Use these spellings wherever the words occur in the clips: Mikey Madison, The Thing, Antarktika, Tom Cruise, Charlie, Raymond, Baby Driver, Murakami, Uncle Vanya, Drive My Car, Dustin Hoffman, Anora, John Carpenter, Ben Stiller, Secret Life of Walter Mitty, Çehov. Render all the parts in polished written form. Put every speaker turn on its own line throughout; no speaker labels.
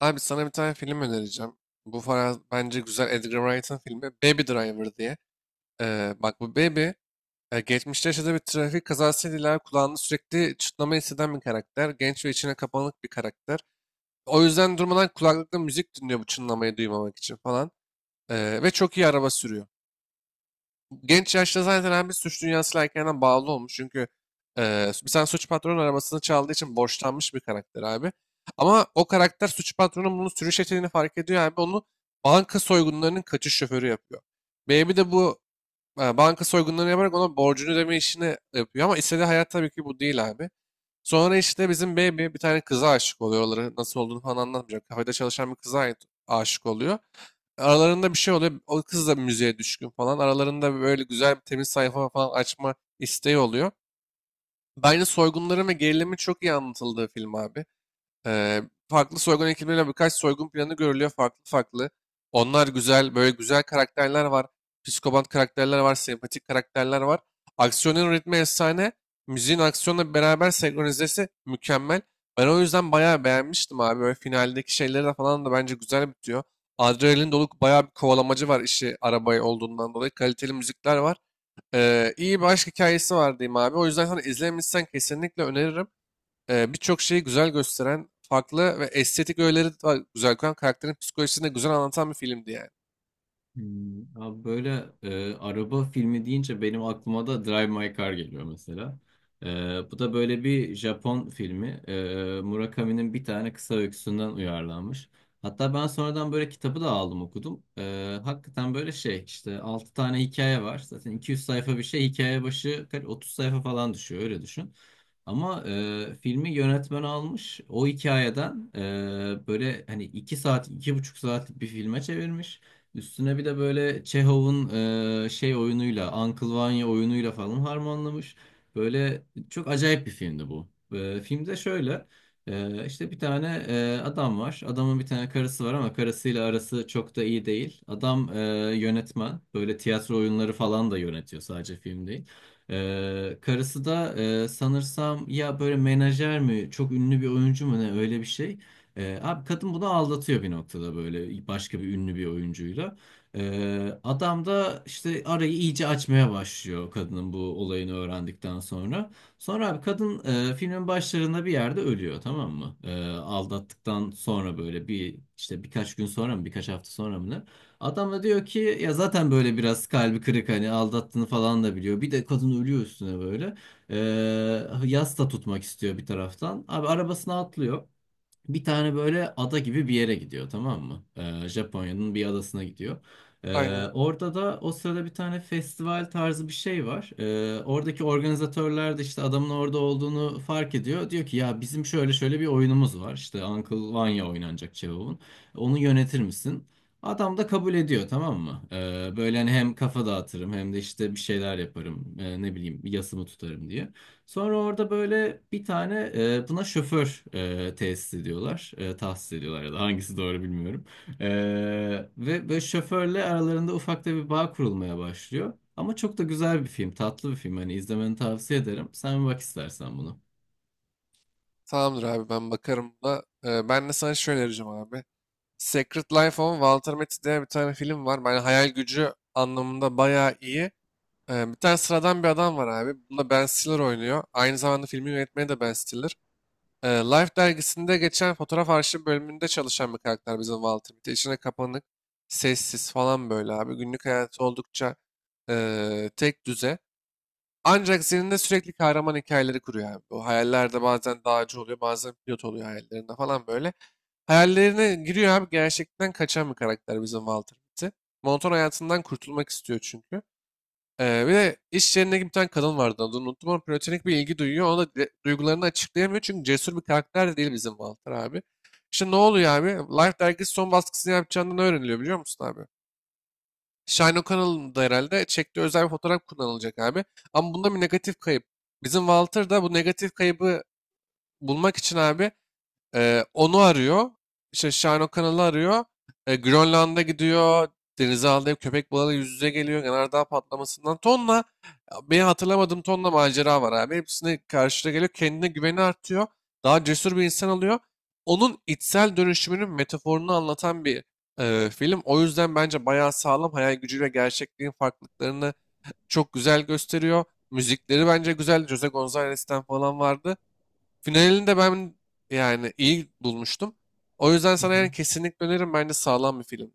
Abi sana bir tane film önereceğim. Bu falan bence güzel Edgar Wright'ın filmi Baby Driver diye. Bak bu Baby geçmişte yaşadığı bir trafik kazasıyla ileride kulağında sürekli çınlama hisseden bir karakter. Genç ve içine kapanık bir karakter. O yüzden durmadan kulaklıkla müzik dinliyor bu çınlamayı duymamak için falan. Ve çok iyi araba sürüyor. Genç yaşta zaten hem bir suç dünyasıyla erkenden bağlı olmuş. Çünkü bir tane suç patronun arabasını çaldığı için borçlanmış bir karakter abi. Ama o karakter suç patronun bunu sürüş yeteneğini fark ediyor abi. Onu banka soygunlarının kaçış şoförü yapıyor. Baby de bu banka soygunlarını yaparak ona borcunu ödeme işini yapıyor. Ama istediği hayat tabii ki bu değil abi. Sonra işte bizim Baby bir tane kıza aşık oluyor. Oraları nasıl olduğunu falan anlatmayacağım. Kafede çalışan bir kıza aşık oluyor. Aralarında bir şey oluyor. O kız da müziğe düşkün falan. Aralarında böyle güzel bir temiz sayfa falan açma isteği oluyor. Bence soygunların ve gerilimin çok iyi anlatıldığı film abi. Eee, Farklı soygun ekipleriyle birkaç soygun planı görülüyor farklı farklı. Onlar güzel, böyle güzel karakterler var. Psikopat karakterler var, sempatik karakterler var. Aksiyonun ritmi efsane. Müziğin aksiyonla beraber senkronizesi mükemmel. Ben o yüzden bayağı beğenmiştim abi. Böyle finaldeki şeyleri de falan da bence güzel bitiyor. Adrenalin dolu bayağı bir kovalamacı var işi arabayı olduğundan dolayı. Kaliteli müzikler var. İyi bir aşk hikayesi var diyeyim abi. O yüzden sana izlemişsen kesinlikle öneririm birçok şeyi güzel gösteren, farklı ve estetik öğeleri de güzel koyan, karakterin psikolojisini de güzel anlatan bir filmdi yani.
Hmm, abi böyle araba filmi deyince benim aklıma da Drive My Car geliyor mesela. Bu da böyle bir Japon filmi. Murakami'nin bir tane kısa öyküsünden uyarlanmış. Hatta ben sonradan böyle kitabı da aldım okudum. Hakikaten böyle şey işte 6 tane hikaye var. Zaten 200 sayfa bir şey hikaye başı 30 sayfa falan düşüyor öyle düşün. Ama filmi yönetmen almış. O hikayeden böyle hani 2 saat, 2,5 saatlik bir filme çevirmiş. Üstüne bir de böyle Çehov'un şey oyunuyla, Uncle Vanya oyunuyla falan harmanlamış. Böyle çok acayip bir filmdi bu. Filmde şöyle işte bir tane adam var. Adamın bir tane karısı var ama karısıyla arası çok da iyi değil. Adam yönetmen. Böyle tiyatro oyunları falan da yönetiyor sadece film değil. Karısı da sanırsam ya böyle menajer mi çok ünlü bir oyuncu mu ne öyle bir şey. Abi kadın bunu aldatıyor bir noktada böyle başka bir ünlü bir oyuncuyla. Adam da işte arayı iyice açmaya başlıyor kadının bu olayını öğrendikten sonra. Sonra abi kadın filmin başlarında bir yerde ölüyor tamam mı? Aldattıktan sonra böyle bir işte birkaç gün sonra mı birkaç hafta sonra mı ne? Adam da diyor ki ya zaten böyle biraz kalbi kırık hani aldattığını falan da biliyor. Bir de kadın ölüyor üstüne böyle. Ee, Yas da tutmak istiyor bir taraftan. Abi arabasına atlıyor. Bir tane böyle ada gibi bir yere gidiyor tamam mı? Japonya'nın bir adasına gidiyor.
Aynen.
Orada da o sırada bir tane festival tarzı bir şey var. Oradaki organizatörler de işte adamın orada olduğunu fark ediyor. Diyor ki ya bizim şöyle şöyle bir oyunumuz var. İşte Uncle Vanya oynanacak Cevap'ın. Onu yönetir misin? Adam da kabul ediyor tamam mı? Böyle hani hem kafa dağıtırım hem de işte bir şeyler yaparım. Ne bileyim yasımı tutarım diye. Sonra orada böyle bir tane buna şoför tesis ediyorlar. Tahsis ediyorlar ya da hangisi doğru bilmiyorum. E, Ve böyle şoförle aralarında ufak da bir bağ kurulmaya başlıyor. Ama çok da güzel bir film, tatlı bir film. Hani izlemeni tavsiye ederim. Sen bir bak istersen bunu.
Tamamdır abi ben bakarım da. E, ben de sana şöyle önereceğim abi. Secret Life of Walter Mitty diye bir tane film var. Ben hayal gücü anlamında bayağı iyi. E, bir tane sıradan bir adam var abi. Bunda Ben Stiller oynuyor. Aynı zamanda filmi yönetmeni de Ben Stiller. Life dergisinde geçen fotoğraf arşiv bölümünde çalışan bir karakter bizim Walter Mitty. İçine kapanık, sessiz falan böyle abi. Günlük hayatı oldukça tek düze. Ancak zihninde sürekli kahraman hikayeleri kuruyor abi. Bu hayallerde bazen dağcı oluyor, bazen pilot oluyor hayallerinde falan böyle. Hayallerine giriyor abi. Gerçekten kaçan bir karakter bizim Walter Mitty. Monoton hayatından kurtulmak istiyor çünkü. Bir de iş yerine bir tane kadın vardı adını unuttum ama platonik bir ilgi duyuyor. Ona da duygularını açıklayamıyor çünkü cesur bir karakter de değil bizim Walter abi. İşte ne oluyor abi? Life dergisi son baskısını yapacağından öğreniliyor biliyor musun abi? Shine O'Connell'ın da herhalde çektiği özel bir fotoğraf kullanılacak abi. Ama bunda bir negatif kayıp. Bizim Walter da bu negatif kaybı bulmak için abi onu arıyor. İşte Shine O'Connell'ı arıyor. E, Grönland'a gidiyor. Denize aldığı köpek balığıyla yüz yüze geliyor. Yanardağ patlamasından tonla benim hatırlamadığım tonla macera var abi. Hepsine karşına geliyor. Kendine güveni artıyor. Daha cesur bir insan oluyor. Onun içsel dönüşümünün metaforunu anlatan bir film. O yüzden bence bayağı sağlam. Hayal gücüyle gerçekliğin farklılıklarını çok güzel gösteriyor. Müzikleri bence güzel. Jose Gonzalez'ten falan vardı. Finalini de ben yani iyi bulmuştum. O yüzden
Hı
sana
hı.
yani kesinlikle öneririm. Bence sağlam bir film.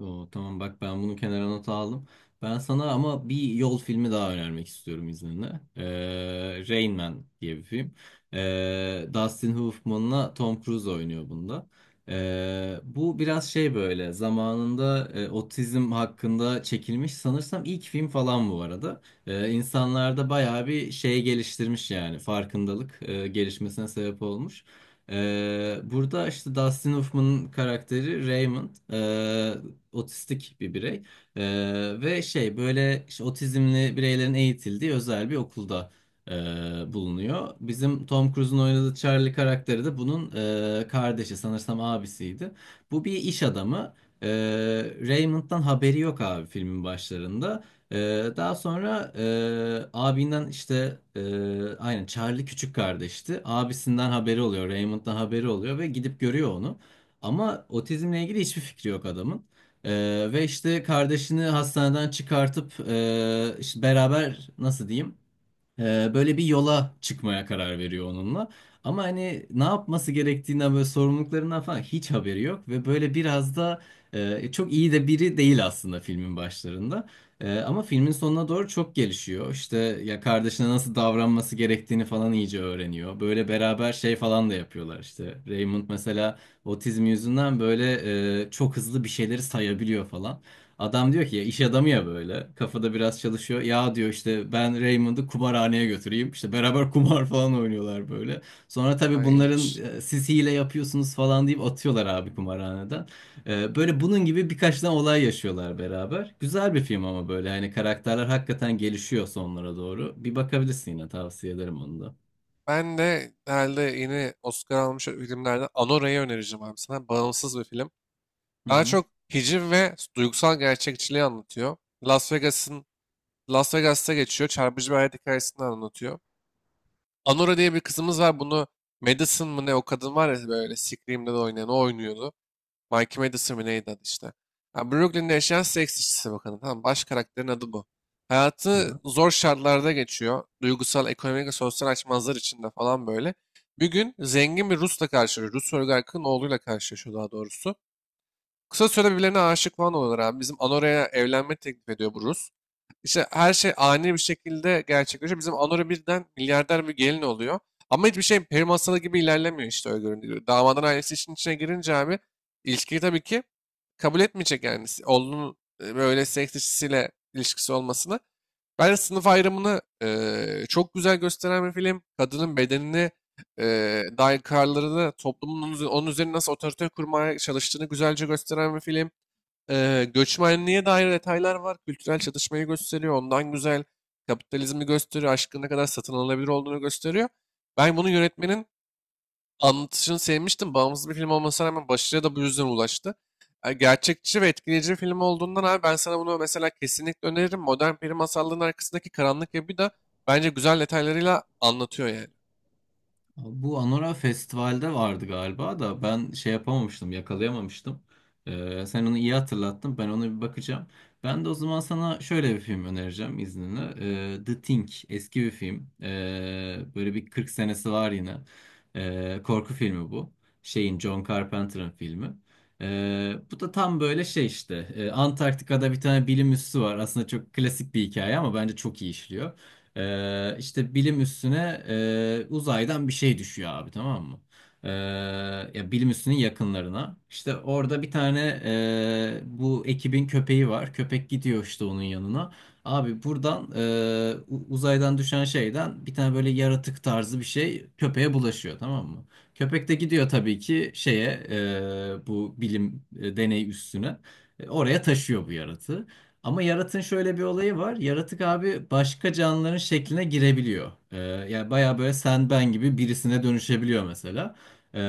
Oo, tamam bak ben bunu kenara not aldım. Ben sana ama bir yol filmi daha önermek istiyorum izninle. Rain Man diye bir film. Dustin Hoffman'la Tom Cruise oynuyor bunda. Bu biraz şey böyle zamanında otizm hakkında çekilmiş sanırsam ilk film falan bu arada. İnsanlarda bayağı bir şey geliştirmiş yani farkındalık gelişmesine sebep olmuş. Burada işte Dustin Hoffman'ın karakteri Raymond otistik bir birey. Ee, Ve şey böyle işte otizmli bireylerin eğitildiği özel bir okulda e, bulunuyor. Bizim Tom Cruise'un oynadığı Charlie karakteri de bunun kardeşi sanırsam abisiydi. Bu bir iş adamı. Ee, Raymond'dan haberi yok abi filmin başlarında. Ee, Daha sonra abinden işte aynen Charlie küçük kardeşti. Abisinden haberi oluyor, Raymond'dan haberi oluyor ve gidip görüyor onu. Ama otizmle ilgili hiçbir fikri yok adamın. Ve işte kardeşini hastaneden çıkartıp işte beraber nasıl diyeyim? Böyle bir yola çıkmaya karar veriyor onunla. Ama hani ne yapması gerektiğinden böyle sorumluluklarından falan hiç haberi yok ve böyle biraz da çok iyi de biri değil aslında filmin başlarında. Ama filmin sonuna doğru çok gelişiyor. İşte ya kardeşine nasıl davranması gerektiğini falan iyice öğreniyor. Böyle beraber şey falan da yapıyorlar işte. Raymond mesela otizm yüzünden böyle çok hızlı bir şeyleri sayabiliyor falan. Adam diyor ki ya iş adamı ya böyle kafada biraz çalışıyor. Ya diyor işte ben Raymond'ı kumarhaneye götüreyim. İşte beraber kumar falan oynuyorlar böyle. Sonra tabii
Aynen.
bunların siz hile yapıyorsunuz falan deyip atıyorlar abi kumarhaneden. Böyle bunun gibi birkaç tane olay yaşıyorlar beraber. Güzel bir film ama böyle hani karakterler hakikaten gelişiyor sonlara doğru. Bir bakabilirsin yine tavsiye ederim onu da.
Ben de herhalde yeni Oscar almış filmlerden Anora'yı önereceğim abi sana. Bağımsız bir film.
Hı
Daha
hı.
çok hiciv ve duygusal gerçekçiliği anlatıyor. Las Vegas'ın Las Vegas'ta geçiyor. Çarpıcı bir hayat hikayesini anlatıyor. Anora diye bir kızımız var. Bunu Madison mı ne o kadın var ya böyle Scream'de de oynayan o oynuyordu. Mikey Madison mi neydi adı işte. Ha, Brooklyn'de yaşayan seks işçisi bakanı. Tamam baş karakterin adı bu. Hayatı
Aha.
zor şartlarda geçiyor. Duygusal, ekonomik ve sosyal açmazlar içinde falan böyle. Bir gün zengin bir Rus'la karşılaşıyor. Rus oligarkın oğluyla karşılaşıyor daha doğrusu. Kısa süre birbirlerine aşık falan oluyorlar abi. Bizim Anora'ya evlenme teklif ediyor bu Rus. İşte her şey ani bir şekilde gerçekleşiyor. Bizim Anora birden milyarder bir gelin oluyor. Ama hiçbir şey peri masalı gibi ilerlemiyor işte öyle görünüyor. Damadın ailesi işin içine girince abi ilişkiyi tabii ki kabul etmeyecek yani. Oğlunun böyle seks işçisiyle ilişkisi olmasını. Ben de sınıf ayrımını çok güzel gösteren bir film. Kadının bedenini e, dair kararlarını toplumun onun üzerine nasıl otorite kurmaya çalıştığını güzelce gösteren bir film. Göçmenliğe dair detaylar var. Kültürel çatışmayı gösteriyor. Ondan güzel kapitalizmi gösteriyor. Aşkın ne kadar satın alınabilir olduğunu gösteriyor. Ben bunu yönetmenin anlatışını sevmiştim. Bağımsız bir film olmasına rağmen başarıya da bu yüzden ulaştı. Yani gerçekçi ve etkileyici bir film olduğundan abi ben sana bunu mesela kesinlikle öneririm. Modern peri masallarının arkasındaki karanlık yapı da bence güzel detaylarıyla anlatıyor yani.
Bu Anora Festival'de vardı galiba da ben şey yapamamıştım, yakalayamamıştım. Sen onu iyi hatırlattın, ben ona bir bakacağım. Ben de o zaman sana şöyle bir film önereceğim izninle. The Thing, eski bir film. Böyle bir 40 senesi var yine. Korku filmi bu. Şeyin, John Carpenter'ın filmi. Bu da tam böyle şey işte. Antarktika'da bir tane bilim üssü var. Aslında çok klasik bir hikaye ama bence çok iyi işliyor. İşte bilim üstüne uzaydan bir şey düşüyor abi tamam mı? Ee, Ya bilim üstünün yakınlarına. İşte orada bir tane bu ekibin köpeği var. Köpek gidiyor işte onun yanına. Abi buradan uzaydan düşen şeyden bir tane böyle yaratık tarzı bir şey köpeğe bulaşıyor tamam mı? Köpek de gidiyor tabii ki şeye bu bilim deney üstüne. Oraya taşıyor bu yaratığı. Ama yaratığın şöyle bir olayı var. Yaratık abi başka canlıların şekline girebiliyor. Yani baya böyle sen ben gibi birisine dönüşebiliyor mesela. Ee,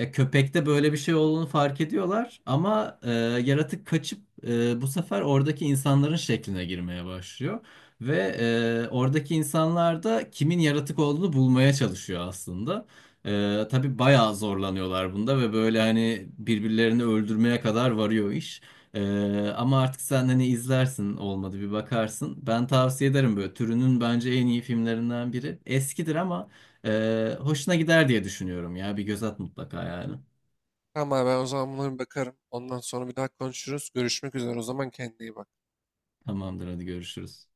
Ya köpekte böyle bir şey olduğunu fark ediyorlar ama yaratık kaçıp bu sefer oradaki insanların şekline girmeye başlıyor. Ve oradaki insanlar da kimin yaratık olduğunu bulmaya çalışıyor aslında. Tabii bayağı zorlanıyorlar bunda ve böyle hani birbirlerini öldürmeye kadar varıyor iş. Ama artık sen hani izlersin olmadı bir bakarsın. Ben tavsiye ederim böyle türünün bence en iyi filmlerinden biri. Eskidir ama hoşuna gider diye düşünüyorum ya bir göz at mutlaka yani.
Tamam abi ben o zaman buna bir bakarım. Ondan sonra bir daha konuşuruz. Görüşmek üzere o zaman kendine iyi bak.
Tamamdır hadi görüşürüz.